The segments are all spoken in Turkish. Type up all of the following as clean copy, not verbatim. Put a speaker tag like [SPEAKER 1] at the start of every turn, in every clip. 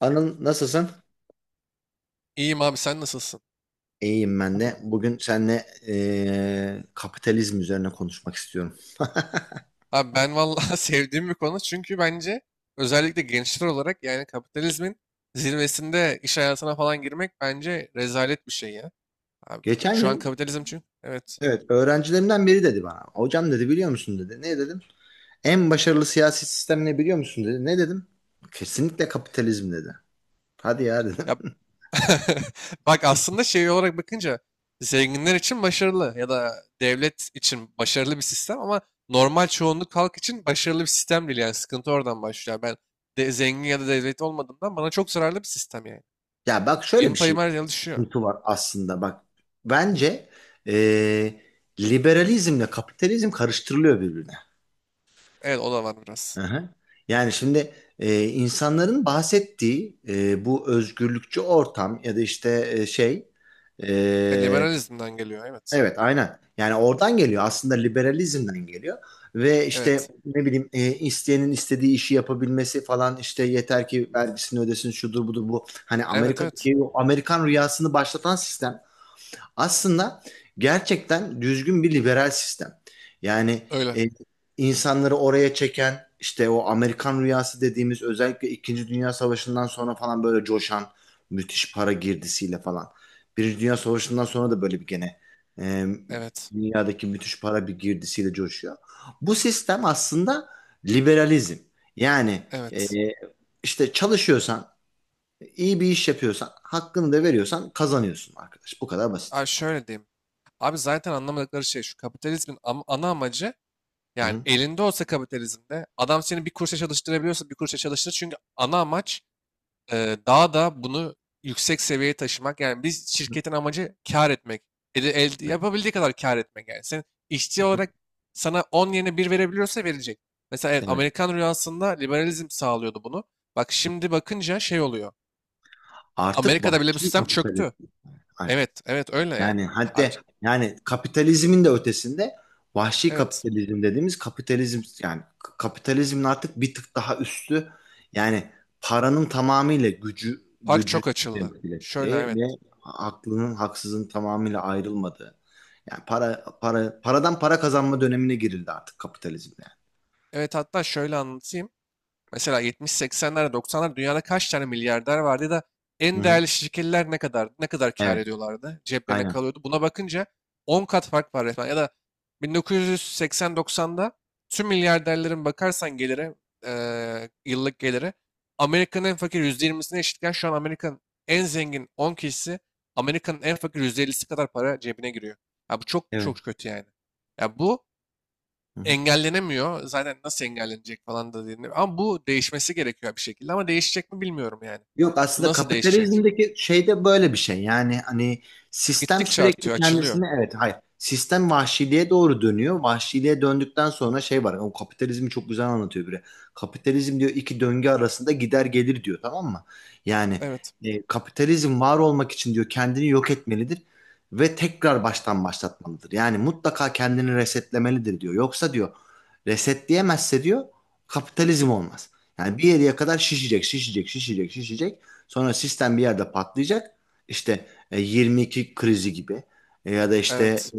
[SPEAKER 1] Anıl nasılsın?
[SPEAKER 2] İyiyim abi sen nasılsın?
[SPEAKER 1] İyiyim ben de. Bugün seninle kapitalizm üzerine konuşmak istiyorum.
[SPEAKER 2] Abi ben vallahi sevdiğim bir konu çünkü bence özellikle gençler olarak yani kapitalizmin zirvesinde iş hayatına falan girmek bence rezalet bir şey ya. Abi
[SPEAKER 1] Geçen
[SPEAKER 2] şu an
[SPEAKER 1] gün,
[SPEAKER 2] kapitalizm çünkü evet.
[SPEAKER 1] evet, öğrencilerimden biri dedi bana. Hocam dedi, biliyor musun dedi. Ne dedim? En başarılı siyasi sistem ne biliyor musun dedi. Ne dedim? Kesinlikle kapitalizm dedi. Hadi ya dedim.
[SPEAKER 2] Ya bak aslında şey olarak bakınca zenginler için başarılı ya da devlet için başarılı bir sistem ama normal çoğunluk halk için başarılı bir sistem değil yani sıkıntı oradan başlıyor. Ben de zengin ya da devlet olmadığımdan bana çok zararlı bir sistem yani.
[SPEAKER 1] Ya bak şöyle
[SPEAKER 2] Benim
[SPEAKER 1] bir şey,
[SPEAKER 2] payım her yıl düşüyor.
[SPEAKER 1] sıkıntı var aslında, bak. Bence eee liberalizmle kapitalizm karıştırılıyor birbirine.
[SPEAKER 2] Evet o da var biraz.
[SPEAKER 1] Aha. Yani şimdi insanların bahsettiği bu özgürlükçü ortam ya da işte e,
[SPEAKER 2] Liberalizmden geliyor. Evet.
[SPEAKER 1] evet, aynen, yani oradan geliyor aslında, liberalizmden geliyor ve işte
[SPEAKER 2] Evet.
[SPEAKER 1] ne bileyim isteyenin istediği işi yapabilmesi falan, işte yeter ki vergisini ödesin, şudur budur, bu hani
[SPEAKER 2] Evet evet.
[SPEAKER 1] Amerika'daki o Amerikan rüyasını başlatan sistem aslında gerçekten düzgün bir liberal sistem. Yani
[SPEAKER 2] Öyle.
[SPEAKER 1] e, insanları oraya çeken işte o Amerikan rüyası dediğimiz, özellikle İkinci Dünya Savaşı'ndan sonra falan böyle coşan müthiş para girdisiyle falan. Birinci Dünya Savaşı'ndan sonra da böyle bir gene e,
[SPEAKER 2] Evet.
[SPEAKER 1] dünyadaki müthiş para bir girdisiyle coşuyor. Bu sistem aslında liberalizm. Yani e,
[SPEAKER 2] Evet.
[SPEAKER 1] işte çalışıyorsan, iyi bir iş yapıyorsan, hakkını da veriyorsan kazanıyorsun arkadaş. Bu kadar basit.
[SPEAKER 2] Abi şöyle diyeyim. Abi zaten anlamadıkları şey şu. Kapitalizmin ana amacı yani
[SPEAKER 1] Hı.
[SPEAKER 2] elinde olsa kapitalizmde adam seni bir kuruşa çalıştırabiliyorsa bir kuruşa çalıştır. Çünkü ana amaç daha da bunu yüksek seviyeye taşımak. Yani biz şirketin amacı kar etmek. Yapabildiği kadar kar etmek. Yani sen işçi olarak sana 10 yerine bir verebiliyorsa verecek. Mesela evet,
[SPEAKER 1] Evet.
[SPEAKER 2] Amerikan rüyasında liberalizm sağlıyordu bunu. Bak şimdi bakınca şey oluyor.
[SPEAKER 1] Artık
[SPEAKER 2] Amerika'da bile bu
[SPEAKER 1] vahşi
[SPEAKER 2] sistem çöktü.
[SPEAKER 1] kapitalizm. Aynen.
[SPEAKER 2] Evet, evet öyle yani.
[SPEAKER 1] Yani hatta,
[SPEAKER 2] Abi
[SPEAKER 1] yani kapitalizmin de ötesinde vahşi
[SPEAKER 2] evet.
[SPEAKER 1] kapitalizm dediğimiz kapitalizm, yani kapitalizmin artık bir tık daha üstü, yani paranın tamamıyla gücü
[SPEAKER 2] Fark
[SPEAKER 1] gücü
[SPEAKER 2] çok açıldı.
[SPEAKER 1] temsil
[SPEAKER 2] Şöyle
[SPEAKER 1] ettiği
[SPEAKER 2] evet.
[SPEAKER 1] ve aklının haksızın tamamıyla ayrılmadığı. Yani paradan para kazanma dönemine girildi artık kapitalizmde.
[SPEAKER 2] Evet hatta şöyle anlatayım. Mesela 70-80'lerde 90'lar dünyada kaç tane milyarder vardı ya da
[SPEAKER 1] Yani.
[SPEAKER 2] en
[SPEAKER 1] Hı hı.
[SPEAKER 2] değerli şirketler ne kadar kâr
[SPEAKER 1] Evet.
[SPEAKER 2] ediyorlardı? Ceplerine
[SPEAKER 1] Aynen.
[SPEAKER 2] kalıyordu. Buna bakınca 10 kat fark var resmen. Ya da 1980-90'da tüm milyarderlerin bakarsan gelire, yıllık geliri Amerika'nın en fakir %20'sine eşitken şu an Amerika'nın en zengin 10 kişisi Amerika'nın en fakir %50'si kadar para cebine giriyor. Ya bu çok
[SPEAKER 1] Evet.
[SPEAKER 2] çok kötü yani. Ya bu
[SPEAKER 1] Hı hı.
[SPEAKER 2] engellenemiyor. Zaten nasıl engellenecek falan da deniliyor. Ama bu değişmesi gerekiyor bir şekilde. Ama değişecek mi bilmiyorum yani.
[SPEAKER 1] Yok,
[SPEAKER 2] Bu
[SPEAKER 1] aslında
[SPEAKER 2] nasıl değişecek?
[SPEAKER 1] kapitalizmdeki şey de böyle bir şey. Yani hani sistem
[SPEAKER 2] Gittikçe
[SPEAKER 1] sürekli
[SPEAKER 2] artıyor, açılıyor.
[SPEAKER 1] kendisini, evet, hayır. Sistem vahşiliğe doğru dönüyor. Vahşiliğe döndükten sonra şey var. O kapitalizmi çok güzel anlatıyor biri. Kapitalizm diyor iki döngü arasında gider gelir diyor, tamam mı? Yani
[SPEAKER 2] Evet,
[SPEAKER 1] kapitalizm var olmak için diyor kendini yok etmelidir ve tekrar baştan başlatmalıdır. Yani mutlaka kendini resetlemelidir diyor. Yoksa diyor, resetleyemezse diyor kapitalizm olmaz. Yani bir yere kadar şişecek, şişecek, şişecek, şişecek. Sonra sistem bir yerde patlayacak. İşte 22 krizi gibi. Ya da işte
[SPEAKER 2] evet,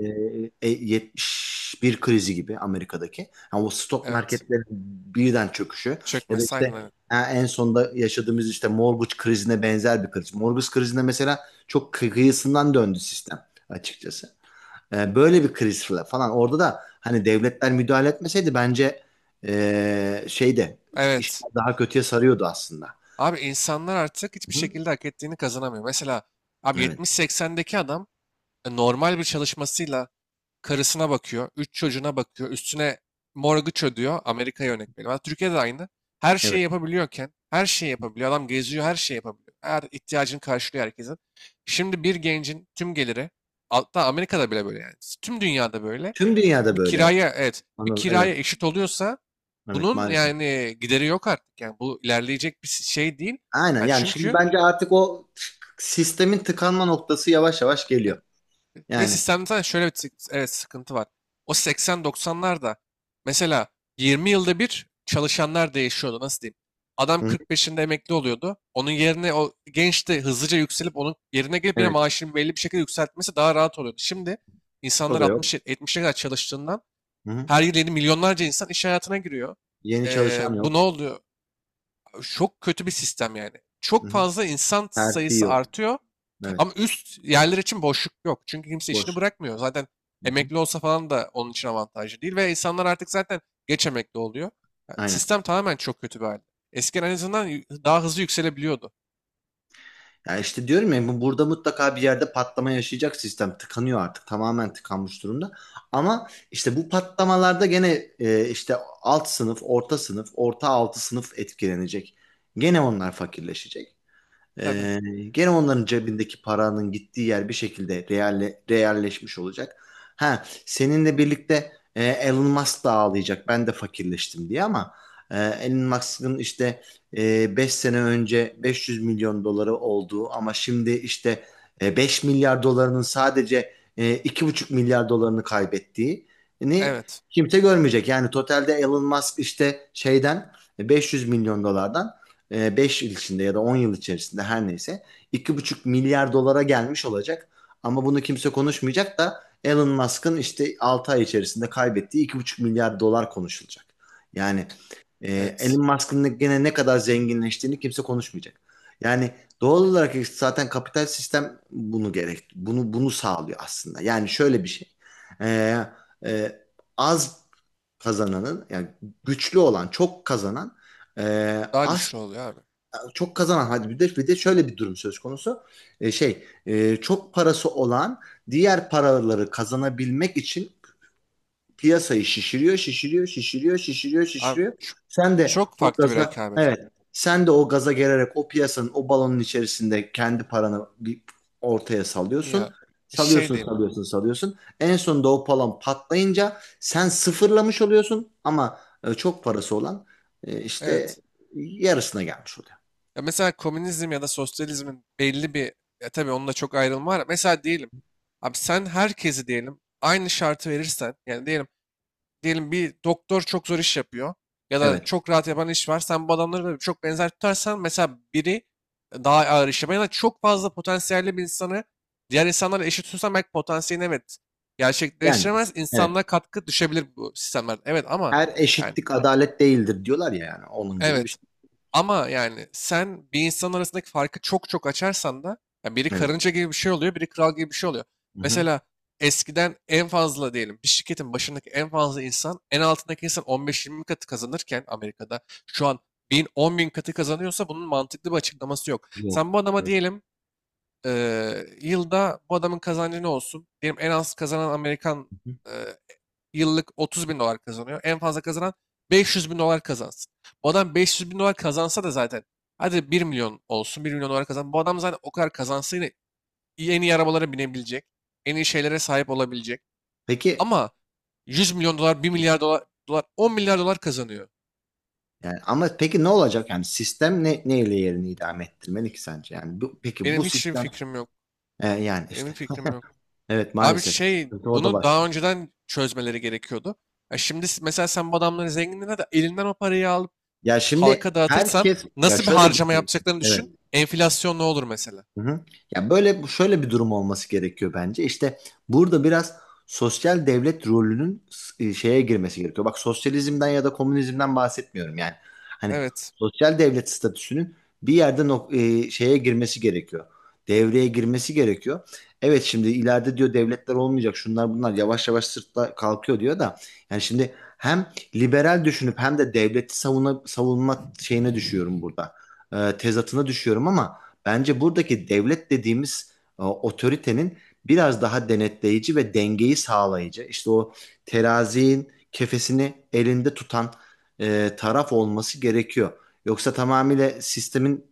[SPEAKER 1] 71 krizi gibi, Amerika'daki. Yani o stok
[SPEAKER 2] evet.
[SPEAKER 1] marketlerin birden çöküşü ya da
[SPEAKER 2] Çökmesi
[SPEAKER 1] işte
[SPEAKER 2] aynen öyle.
[SPEAKER 1] en sonda yaşadığımız işte mortgage krizine benzer bir kriz. Mortgage krizinde mesela çok kıyısından döndü sistem açıkçası. Böyle bir krizle falan orada da hani devletler müdahale etmeseydi bence e, şeyde
[SPEAKER 2] Evet.
[SPEAKER 1] işler daha kötüye sarıyordu aslında.
[SPEAKER 2] Abi insanlar artık hiçbir
[SPEAKER 1] Hı.
[SPEAKER 2] şekilde hak ettiğini kazanamıyor. Mesela abi
[SPEAKER 1] Evet,
[SPEAKER 2] 70-80'deki adam normal bir çalışmasıyla karısına bakıyor, 3 çocuğuna bakıyor, üstüne mortgage ödüyor. Amerika'ya örnek veriyorum. Ama Türkiye'de de aynı. Her şeyi
[SPEAKER 1] evet.
[SPEAKER 2] yapabiliyorken, her şeyi yapabiliyor. Adam geziyor, her şeyi yapabiliyor. Her ihtiyacını karşılıyor herkesin. Şimdi bir gencin tüm geliri, hatta Amerika'da bile böyle yani. Tüm dünyada böyle.
[SPEAKER 1] Tüm dünyada
[SPEAKER 2] Bir
[SPEAKER 1] böyle.
[SPEAKER 2] kiraya, evet, bir
[SPEAKER 1] Anıl,
[SPEAKER 2] kiraya
[SPEAKER 1] evet,
[SPEAKER 2] eşit oluyorsa
[SPEAKER 1] evet
[SPEAKER 2] bunun
[SPEAKER 1] maalesef.
[SPEAKER 2] yani gideri yok artık. Yani bu ilerleyecek bir şey değil.
[SPEAKER 1] Aynen,
[SPEAKER 2] Yani
[SPEAKER 1] yani
[SPEAKER 2] çünkü
[SPEAKER 1] şimdi
[SPEAKER 2] e,
[SPEAKER 1] bence artık o sistemin tıkanma noktası yavaş yavaş geliyor.
[SPEAKER 2] Ve
[SPEAKER 1] Yani.
[SPEAKER 2] sistemde zaten şöyle bir evet, sıkıntı var. O 80-90'larda mesela 20 yılda bir çalışanlar değişiyordu. Nasıl diyeyim? Adam
[SPEAKER 1] Hı hı.
[SPEAKER 2] 45'inde emekli oluyordu. Onun yerine o genç de hızlıca yükselip onun yerine gelip yine
[SPEAKER 1] Evet,
[SPEAKER 2] maaşını belli bir şekilde yükseltmesi daha rahat oluyordu. Şimdi
[SPEAKER 1] o
[SPEAKER 2] insanlar
[SPEAKER 1] da yok.
[SPEAKER 2] 60-70'e kadar çalıştığından
[SPEAKER 1] Hı hı.
[SPEAKER 2] her yıl yeni milyonlarca insan iş hayatına giriyor.
[SPEAKER 1] Yeni çalışan
[SPEAKER 2] Bu ne
[SPEAKER 1] yok.
[SPEAKER 2] oluyor? Çok kötü bir sistem yani.
[SPEAKER 1] Hı
[SPEAKER 2] Çok
[SPEAKER 1] hı.
[SPEAKER 2] fazla insan
[SPEAKER 1] Terfi
[SPEAKER 2] sayısı
[SPEAKER 1] yok.
[SPEAKER 2] artıyor
[SPEAKER 1] Evet,
[SPEAKER 2] ama üst yerler için boşluk yok. Çünkü kimse işini
[SPEAKER 1] boş.
[SPEAKER 2] bırakmıyor. Zaten
[SPEAKER 1] Hı hı.
[SPEAKER 2] emekli olsa falan da onun için avantajlı değil. Ve insanlar artık zaten geç emekli oluyor. Yani
[SPEAKER 1] Aynen.
[SPEAKER 2] sistem tamamen çok kötü bir halde. Eskiden en azından daha hızlı yükselebiliyordu.
[SPEAKER 1] Ya işte diyorum ya, burada mutlaka bir yerde patlama yaşayacak sistem. Tıkanıyor artık. Tamamen tıkanmış durumda. Ama işte bu patlamalarda gene işte alt sınıf, orta sınıf, orta altı sınıf etkilenecek. Gene onlar fakirleşecek.
[SPEAKER 2] Tabii.
[SPEAKER 1] Ee, Gene onların cebindeki paranın gittiği yer bir şekilde realleşmiş olacak. Ha, seninle birlikte Elon Musk da ağlayacak. Ben de fakirleştim diye ama e, Elon Musk'ın işte 5 sene önce 500 milyon doları olduğu ama şimdi işte 5 milyar dolarının sadece 2,5 milyar dolarını kaybettiğini
[SPEAKER 2] Evet.
[SPEAKER 1] kimse görmeyecek. Yani totalde Elon Musk işte 500 milyon dolardan 5 yıl içinde ya da 10 yıl içerisinde her neyse 2,5 milyar dolara gelmiş olacak. Ama bunu kimse konuşmayacak da Elon Musk'ın işte 6 ay içerisinde kaybettiği 2,5 milyar dolar konuşulacak. Yani e,
[SPEAKER 2] Evet.
[SPEAKER 1] Elon Musk'ın gene ne kadar zenginleştiğini kimse konuşmayacak. Yani doğal olarak işte zaten kapital sistem bunu bunu sağlıyor aslında. Yani şöyle bir şey. E, e, Az kazananın, yani güçlü olan çok kazanan, e,
[SPEAKER 2] Daha
[SPEAKER 1] az
[SPEAKER 2] güçlü oluyor abi.
[SPEAKER 1] çok kazanan, hadi bir de şöyle bir durum söz konusu. Çok parası olan diğer paraları kazanabilmek için piyasayı şişiriyor, şişiriyor, şişiriyor, şişiriyor,
[SPEAKER 2] Abi
[SPEAKER 1] şişiriyor. Sen de
[SPEAKER 2] çok
[SPEAKER 1] o
[SPEAKER 2] farklı bir
[SPEAKER 1] gaza,
[SPEAKER 2] rekabet
[SPEAKER 1] evet,
[SPEAKER 2] oluyor.
[SPEAKER 1] sen de o gaza gelerek o piyasanın, o balonun içerisinde kendi paranı bir ortaya salıyorsun.
[SPEAKER 2] Ya şey
[SPEAKER 1] Salıyorsun,
[SPEAKER 2] diyeyim.
[SPEAKER 1] salıyorsun, salıyorsun. En sonunda o balon patlayınca sen sıfırlamış oluyorsun, ama çok parası olan işte
[SPEAKER 2] Evet.
[SPEAKER 1] yarısına gelmiş oluyor.
[SPEAKER 2] Ya mesela komünizm ya da sosyalizmin belli bir ya tabii onunla çok ayrılma var. Mesela diyelim abi sen herkesi diyelim aynı şartı verirsen yani diyelim bir doktor çok zor iş yapıyor ya da
[SPEAKER 1] Evet.
[SPEAKER 2] çok rahat yapan iş var. Sen bu adamları da çok benzer tutarsan mesela biri daha ağır iş yapan ya da çok fazla potansiyelli bir insanı diğer insanlarla eşit tutarsan belki potansiyelini evet
[SPEAKER 1] Yani
[SPEAKER 2] gerçekleştiremez.
[SPEAKER 1] evet.
[SPEAKER 2] İnsanlığa katkı düşebilir bu sistemler. Evet ama
[SPEAKER 1] Her
[SPEAKER 2] yani
[SPEAKER 1] eşitlik adalet değildir diyorlar ya, yani onun gibi bir
[SPEAKER 2] evet.
[SPEAKER 1] şey.
[SPEAKER 2] Ama yani sen bir insan arasındaki farkı çok çok açarsan da ya biri
[SPEAKER 1] Evet.
[SPEAKER 2] karınca gibi bir şey oluyor, biri kral gibi bir şey oluyor.
[SPEAKER 1] Hı hı.
[SPEAKER 2] Mesela eskiden en fazla diyelim bir şirketin başındaki en fazla insan en altındaki insan 15-20 katı kazanırken Amerika'da şu an 1000-10 bin katı kazanıyorsa bunun mantıklı bir açıklaması yok.
[SPEAKER 1] Yok.
[SPEAKER 2] Sen bu adama
[SPEAKER 1] Evet.
[SPEAKER 2] diyelim yılda bu adamın kazancı ne olsun? Diyelim en az kazanan Amerikan
[SPEAKER 1] Hı hı.
[SPEAKER 2] eee, yıllık 30 bin dolar kazanıyor. En fazla kazanan 500 bin dolar kazansın. Bu adam 500 bin dolar kazansa da zaten hadi 1 milyon olsun 1 milyon dolar kazan. Bu adam zaten o kadar kazansa yine en iyi arabalara binebilecek. En iyi şeylere sahip olabilecek.
[SPEAKER 1] Peki,
[SPEAKER 2] Ama 100 milyon dolar bir milyar dolar, 10 milyar dolar kazanıyor.
[SPEAKER 1] yani ama peki ne olacak, yani sistem neyle yerini idame ettirmeli ki sence? Yani bu, peki bu
[SPEAKER 2] Benim hiç
[SPEAKER 1] sistem
[SPEAKER 2] fikrim yok.
[SPEAKER 1] yani
[SPEAKER 2] Benim
[SPEAKER 1] işte,
[SPEAKER 2] fikrim yok.
[SPEAKER 1] evet
[SPEAKER 2] Abi
[SPEAKER 1] maalesef
[SPEAKER 2] şey
[SPEAKER 1] sıkıntı orada
[SPEAKER 2] bunu daha
[SPEAKER 1] başlıyor.
[SPEAKER 2] önceden çözmeleri gerekiyordu. Ya şimdi mesela sen bu adamların zenginliğine de elinden o parayı al,
[SPEAKER 1] Ya şimdi
[SPEAKER 2] halka dağıtırsan
[SPEAKER 1] herkes, ya
[SPEAKER 2] nasıl bir
[SPEAKER 1] şöyle bir
[SPEAKER 2] harcama
[SPEAKER 1] şey.
[SPEAKER 2] yapacaklarını
[SPEAKER 1] Evet.
[SPEAKER 2] düşün. Enflasyon ne olur mesela?
[SPEAKER 1] Hı hı. Ya böyle, şöyle bir durum olması gerekiyor bence. İşte burada biraz sosyal devlet rolünün şeye girmesi gerekiyor. Bak sosyalizmden ya da komünizmden bahsetmiyorum yani. Hani
[SPEAKER 2] Evet.
[SPEAKER 1] sosyal devlet statüsünün bir yerde şeye girmesi gerekiyor. Devreye girmesi gerekiyor. Evet, şimdi ileride diyor devletler olmayacak. Şunlar bunlar yavaş yavaş sırtla kalkıyor diyor da. Yani şimdi hem liberal düşünüp hem de devleti savunma şeyine düşüyorum burada. Tezatına düşüyorum ama bence buradaki devlet dediğimiz otoritenin biraz daha denetleyici ve dengeyi sağlayıcı, işte o terazinin kefesini elinde tutan taraf olması gerekiyor. Yoksa tamamıyla sistemin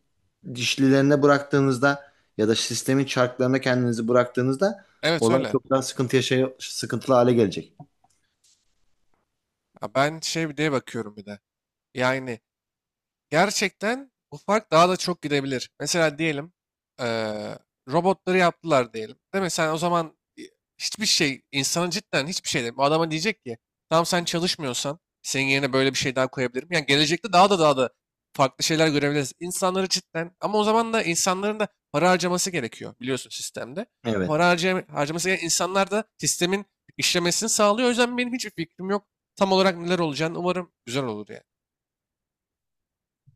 [SPEAKER 1] dişlilerine bıraktığınızda ya da sistemin çarklarına kendinizi bıraktığınızda
[SPEAKER 2] Evet
[SPEAKER 1] olay
[SPEAKER 2] öyle.
[SPEAKER 1] çok daha sıkıntılı hale gelecek.
[SPEAKER 2] Ya ben şey bir diye bakıyorum bir de. Yani gerçekten bu fark daha da çok gidebilir. Mesela diyelim eee, robotları yaptılar diyelim. Değil mi? Sen o zaman hiçbir şey, insanın cidden hiçbir şey değil. Bu adama diyecek ki tamam sen çalışmıyorsan senin yerine böyle bir şey daha koyabilirim. Yani gelecekte daha da daha da farklı şeyler görebiliriz. İnsanları cidden ama o zaman da insanların da para harcaması gerekiyor biliyorsun sistemde.
[SPEAKER 1] Evet.
[SPEAKER 2] Para harcaması gereken insanlar da sistemin işlemesini sağlıyor. O yüzden benim hiçbir fikrim yok. Tam olarak neler olacağını umarım güzel olur yani.